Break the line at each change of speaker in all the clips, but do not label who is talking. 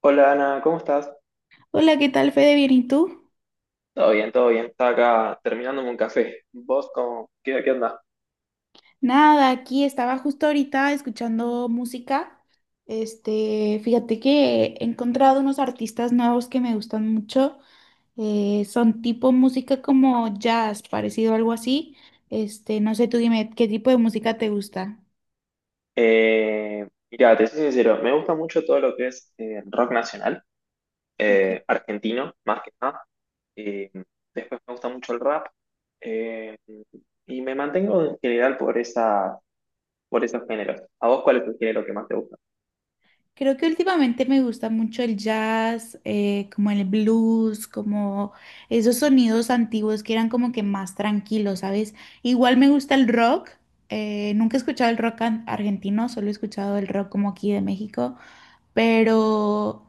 Hola, Ana, ¿cómo estás?
Hola, ¿qué tal, Fede? Bien, ¿y tú?
Todo bien, todo bien. Estaba acá terminándome un café. ¿Vos cómo? ¿Qué onda?
Nada, aquí estaba justo ahorita escuchando música. Este, fíjate que he encontrado unos artistas nuevos que me gustan mucho. Son tipo música como jazz, parecido a algo así. Este, no sé, tú dime, ¿qué tipo de música te gusta?
Eh, Mirá, te soy sincero, me gusta mucho todo lo que es rock nacional,
Ok.
argentino, más que nada. Eh, Después me gusta mucho el rap. eh, y me mantengo en general por por esos géneros. ¿A vos cuál es el género que más te gusta?
Creo que últimamente me gusta mucho el jazz, como el blues, como esos sonidos antiguos que eran como que más tranquilos, ¿sabes? Igual me gusta el rock. Nunca he escuchado el argentino, solo he escuchado el rock como aquí de México, pero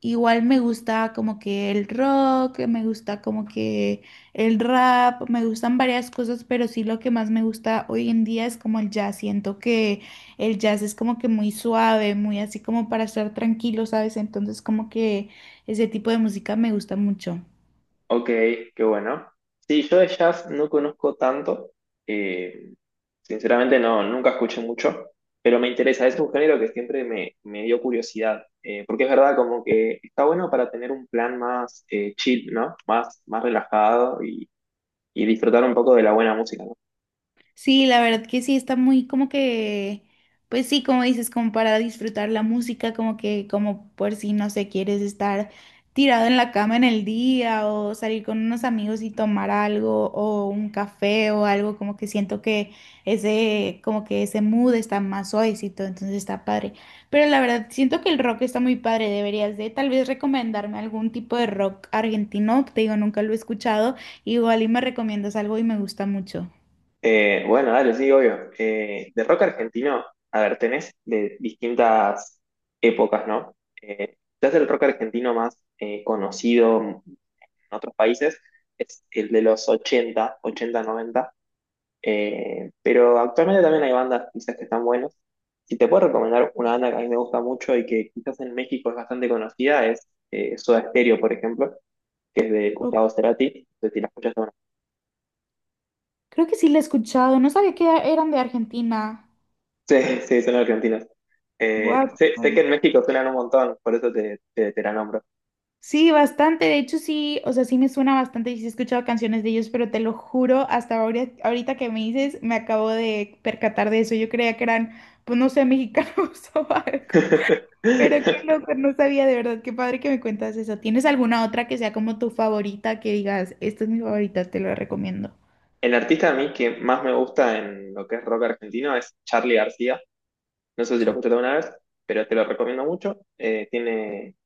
igual me gusta como que el rock, me gusta como que el rap, me gustan varias cosas, pero sí lo que más me gusta hoy en día es como el jazz. Siento que el jazz es como que muy suave, muy así como para estar tranquilo, ¿sabes? Entonces como que ese tipo de música me gusta mucho.
Ok, qué bueno. Sí, yo de jazz no conozco tanto. eh, Sinceramente no, nunca escuché mucho, pero me interesa, es un género que siempre me dio curiosidad, porque es verdad como que está bueno para tener un plan más chill, ¿no? Más relajado y disfrutar un poco de la buena música, ¿no?
Sí, la verdad que sí, está muy como que, pues sí, como dices, como para disfrutar la música, como que, como por si, no sé, quieres estar tirado en la cama en el día o salir con unos amigos y tomar algo o un café o algo, como que siento que ese, como que ese mood está más suavecito, entonces está padre. Pero la verdad, siento que el rock está muy padre, deberías de tal vez recomendarme algún tipo de rock argentino, te digo, nunca lo he escuchado, igual y me recomiendas algo y me gusta mucho.
Bueno, dale, sí, obvio. De rock argentino, a ver, tenés de distintas épocas, ¿no? Quizás el rock argentino más conocido en otros países es el de los ochenta, noventa. Pero actualmente también hay bandas quizás que están buenas. Si te puedo recomendar una banda que a mí me gusta mucho y que quizás en México es bastante conocida, es Soda Stereo, por ejemplo, que es de Gustavo Cerati. No sé si la escuchas o no.
Creo que sí la he escuchado, no sabía que eran de Argentina.
Sí, sí, son argentinos.
Guau, qué
Sé que
padre.
en México suenan un montón, por eso te la nombro.
Sí, bastante, de hecho sí, o sea, sí me suena bastante y sí he escuchado canciones de ellos, pero te lo juro, hasta ahorita, que me dices, me acabo de percatar de eso. Yo creía que eran, pues no sé, mexicanos o algo. Pero qué loco, no sabía de verdad, qué padre que me cuentas eso. ¿Tienes alguna otra que sea como tu favorita que digas, esta es mi favorita, te la recomiendo?
El artista a mí que más me gusta en lo que es rock argentino es Charly García. No sé si lo
Cha-
escuchaste alguna vez, pero te lo recomiendo mucho. Eh, tiene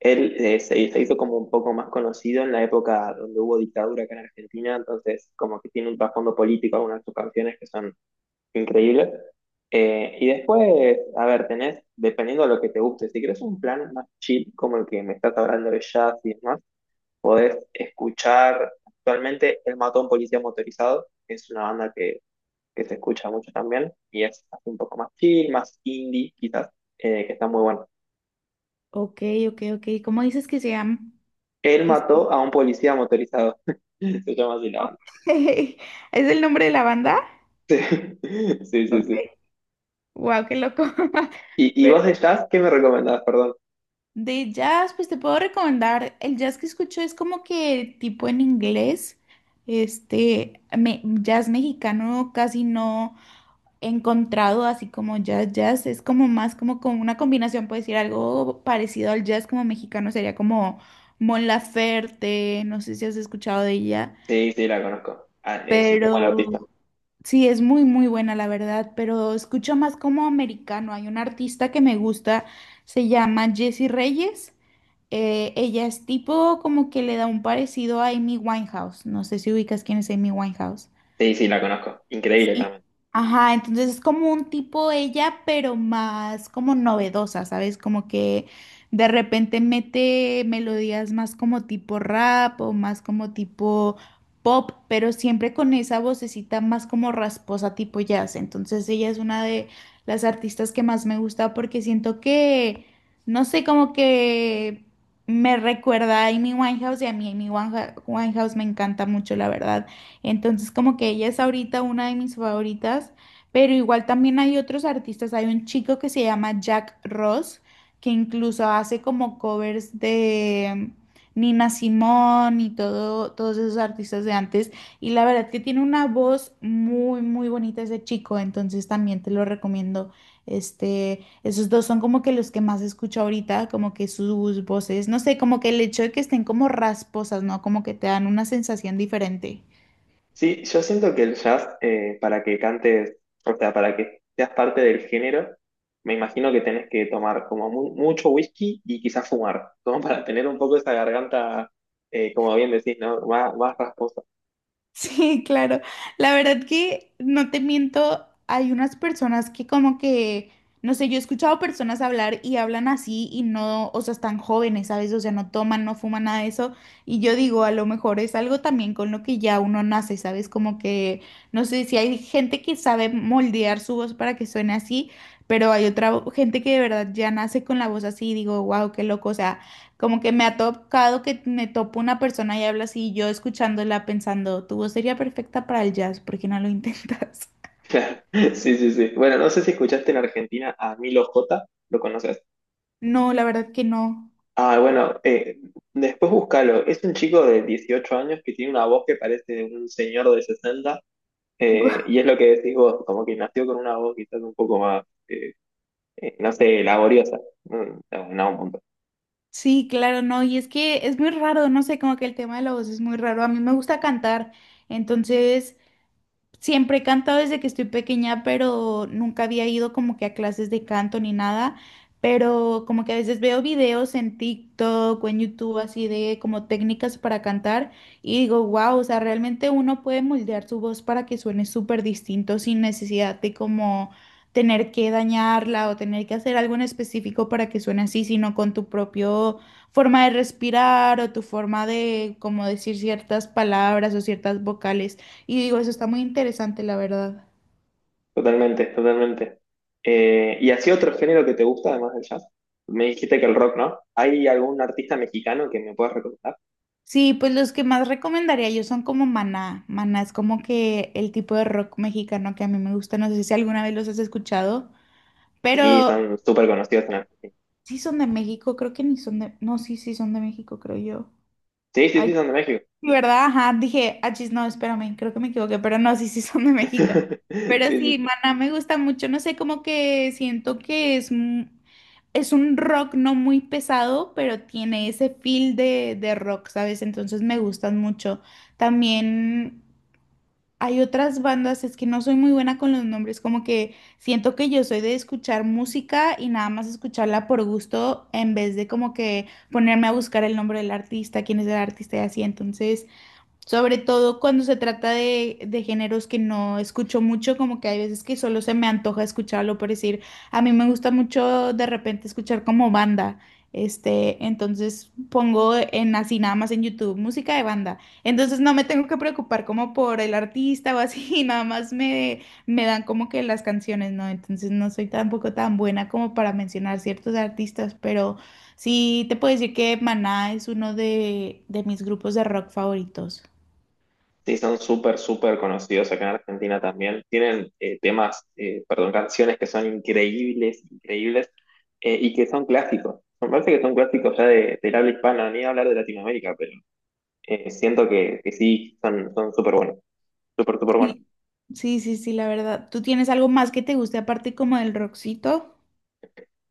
Él eh, se, Se hizo como un poco más conocido en la época donde hubo dictadura acá en Argentina, entonces como que tiene un trasfondo político algunas de sus canciones que son increíbles. Y después, a ver, tenés, dependiendo de lo que te guste, si querés un plan más chill como el que me estás hablando de jazz y demás, podés escuchar actualmente El Mató a un Policía Motorizado, que es una banda que se escucha mucho también, y es así un poco más chill, más indie quizás, que está muy bueno.
Ok, ok. ¿Cómo dices que se llama?
Él
Que es-
mató a un policía motorizado. Se llama así la banda.
¿Es el nombre de la banda?
Sí, sí, sí, sí.
Ok. Wow, qué loco.
¿Y
Pero
vos de jazz, qué me recomendás? Perdón.
de jazz, pues te puedo recomendar. El jazz que escucho es como que tipo en inglés. Este, jazz mexicano casi no he encontrado así como jazz, jazz. Es como más como, con una combinación, puedes decir algo parecido al jazz como mexicano. Sería como Mon Laferte, no sé si has escuchado de ella,
Sí, sí, la conozco. Ah, es un muy mal
pero...
artista.
Sí, es muy, muy buena, la verdad, pero escucho más como americano. Hay una artista que me gusta, se llama Jessie Reyes. Ella es tipo como que le da un parecido a Amy Winehouse. No sé si ubicas quién es Amy Winehouse.
Sí, sí, la conozco. Increíble
Y-
también.
Ajá, entonces es como un tipo ella, pero más como novedosa, ¿sabes? Como que de repente mete melodías más como tipo rap o más como tipo pop, pero siempre con esa vocecita más como rasposa tipo jazz. Entonces ella es una de las artistas que más me gusta porque siento que, no sé, como que me recuerda a Amy Winehouse y a mí Amy Winehouse me encanta mucho, la verdad. Entonces, como que ella es ahorita una de mis favoritas, pero igual también hay otros artistas. Hay un chico que se llama Jack Ross, que incluso hace como covers de Nina Simone y todo, todos esos artistas de antes. Y la verdad que tiene una voz muy, muy bonita ese chico, entonces también te lo recomiendo. Este, esos dos son como que los que más escucho ahorita, como que sus voces, no sé, como que el hecho de que estén como rasposas, ¿no? Como que te dan una sensación diferente.
Sí, yo siento que el jazz, para que cantes, o sea, para que seas parte del género, me imagino que tenés que tomar como mucho whisky y quizás fumar, como para tener un poco esa garganta, como bien decís, ¿no? Más rasposa.
Sí, claro. La verdad que no te miento, hay unas personas que como que, no sé, yo he escuchado personas hablar y hablan así y no, o sea, están jóvenes, ¿sabes? O sea, no toman, no fuman nada de eso. Y yo digo, a lo mejor es algo también con lo que ya uno nace, ¿sabes? Como que, no sé, si hay gente que sabe moldear su voz para que suene así, pero hay otra gente que de verdad ya nace con la voz así y digo, wow, qué loco. O sea, como que me ha tocado que me topo una persona y habla así, y yo escuchándola pensando, tu voz sería perfecta para el jazz, ¿por qué no lo intentas?
Claro. Sí, sí, sí. Bueno, no sé si escuchaste en Argentina a Milo J, ¿lo conoces?
No, la verdad que no.
Ah, bueno, después búscalo. Es un chico de 18 años que tiene una voz que parece un señor de 60,
Guau.
y es lo que decís vos, como que nació con una voz quizás un poco más, no sé, laboriosa. No, no, un punto.
Sí, claro, no, y es que es muy raro, no sé, como que el tema de la voz es muy raro. A mí me gusta cantar, entonces siempre he cantado desde que estoy pequeña, pero nunca había ido como que a clases de canto ni nada. Pero como que a veces veo videos en TikTok o en YouTube así de como técnicas para cantar y digo, wow, o sea, realmente uno puede moldear su voz para que suene súper distinto sin necesidad de como tener que dañarla o tener que hacer algo en específico para que suene así, sino con tu propio forma de respirar o tu forma de como decir ciertas palabras o ciertas vocales. Y digo, eso está muy interesante, la verdad.
Totalmente, totalmente. ¿Y así otro género que te gusta además del jazz? Me dijiste que el rock, ¿no? ¿Hay algún artista mexicano que me puedas recomendar?
Sí, pues los que más recomendaría yo son como Maná. Maná es como que el tipo de rock mexicano que a mí me gusta. No sé si alguna vez los has escuchado,
Sí,
pero
son súper conocidos en Argentina.
sí son de México, creo que ni son de... No, sí, sí son de México, creo yo.
Sí, sí,
Ay,
sí, son de México.
sí, ¿verdad? Ajá, dije, achis, no, espérame, creo que me equivoqué, pero no, sí, sí son de México.
Sí,
Pero sí,
sí,
Maná me gusta mucho, no sé, como que siento que es, es un rock no muy pesado, pero tiene ese feel de rock, ¿sabes? Entonces me gustan mucho. También hay otras bandas, es que no soy muy buena con los nombres, como que siento que yo soy de escuchar música y nada más escucharla por gusto en vez de como que ponerme a buscar el nombre del artista, quién es el artista y así, entonces... Sobre todo cuando se trata de géneros que no escucho mucho, como que hay veces que solo se me antoja escucharlo, por decir, a mí me gusta mucho de repente escuchar como banda, este, entonces pongo en así nada más en YouTube música de banda, entonces no me tengo que preocupar como por el artista o así, nada más me dan como que las canciones, ¿no? Entonces no soy tampoco tan buena como para mencionar ciertos artistas, pero sí te puedo decir que Maná es uno de mis grupos de rock favoritos.
sí, son súper, súper conocidos acá en Argentina también. Tienen perdón, canciones que son increíbles, increíbles, y que son clásicos. Me parece que son clásicos ya del habla hispana, ni hablar de Latinoamérica, pero siento que sí, son, son súper buenos, súper, súper buenos.
Sí, sí, la verdad. ¿Tú tienes algo más que te guste aparte como del rockcito?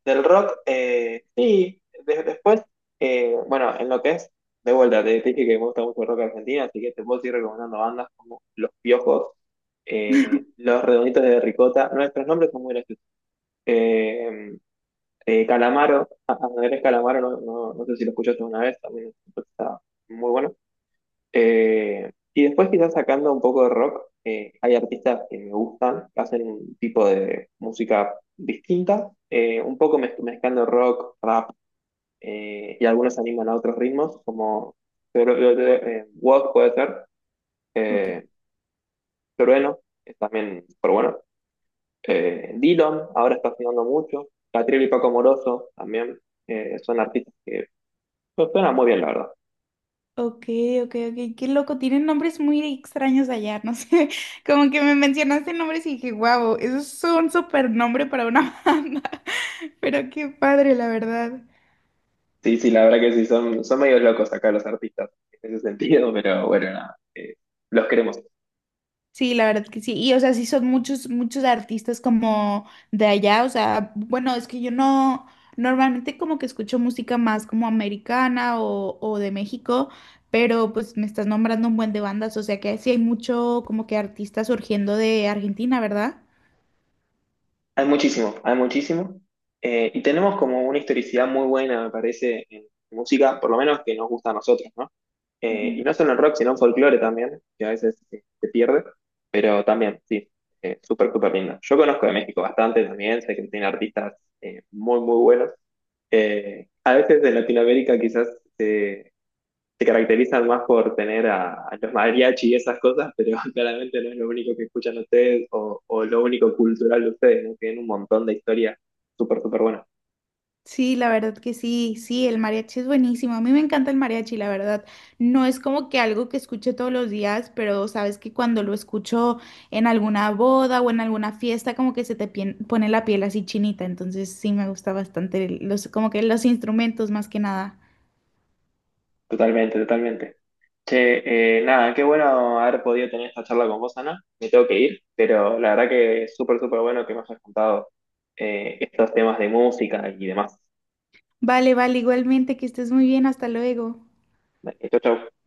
Del rock, sí, después, bueno, en lo que es, de vuelta, te dije que me gusta mucho el rock argentino, así que te puedo seguir recomendando bandas como Los Piojos, Los Redonditos de Ricota, nuestros nombres son muy graciosos. Eh, Andrés Calamaro, no sé si lo escuchaste una vez, también está muy bueno. Y después quizás sacando un poco de rock, hay artistas que me gustan, que hacen un tipo de música distinta, un poco mezclando rock, rap, y algunos animan a otros ritmos, como Walk puede ser,
Ok,
eh, Trueno, es también, pero bueno, Dylan, ahora está sonando mucho, Catriel y Paco Moroso también, son artistas que pues, suenan muy bien, la verdad.
ok, ok, qué loco. Tienen nombres muy extraños allá, no sé. Como que me mencionaste nombres y dije, wow, eso es un super nombre para una banda. Pero qué padre, la verdad.
Sí, sí, la verdad que sí, son, son medio locos acá los artistas en ese sentido, pero bueno, nada, los queremos.
Sí, la verdad que sí. Y o sea, sí son muchos, muchos artistas como de allá. O sea, bueno, es que yo no, normalmente como que escucho música más como americana o de México, pero pues me estás nombrando un buen de bandas. O sea que sí hay mucho como que artistas surgiendo de Argentina, ¿verdad?
Hay muchísimo, hay muchísimo. Y tenemos como una historicidad muy buena, me parece, en música, por lo menos que nos gusta a nosotros, ¿no?
Ujú.
Y no solo en rock, sino en folclore también, que a veces se pierde, pero también, sí, súper, súper lindo. Yo conozco de México bastante también, sé que tiene artistas muy, muy buenos. A veces en Latinoamérica quizás se caracterizan más por tener a los mariachi y esas cosas, pero claramente no es lo único que escuchan ustedes o lo único cultural de ustedes, ¿no? Tienen un montón de historias súper, súper buenas.
Sí, la verdad que sí, sí, el mariachi es buenísimo. A mí me encanta el mariachi, la verdad. No es como que algo que escuche todos los días, pero sabes que cuando lo escucho en alguna boda o en alguna fiesta, como que se te pone la piel así chinita. Entonces sí me gusta bastante los, como que los instrumentos más que nada.
Totalmente, totalmente. Che, nada, qué bueno haber podido tener esta charla con vos, Ana. Me tengo que ir, pero la verdad que es súper, súper bueno que me hayas contado estos temas de música y demás.
Vale, vale, igualmente, que estés muy bien, hasta luego.
Chau, chau.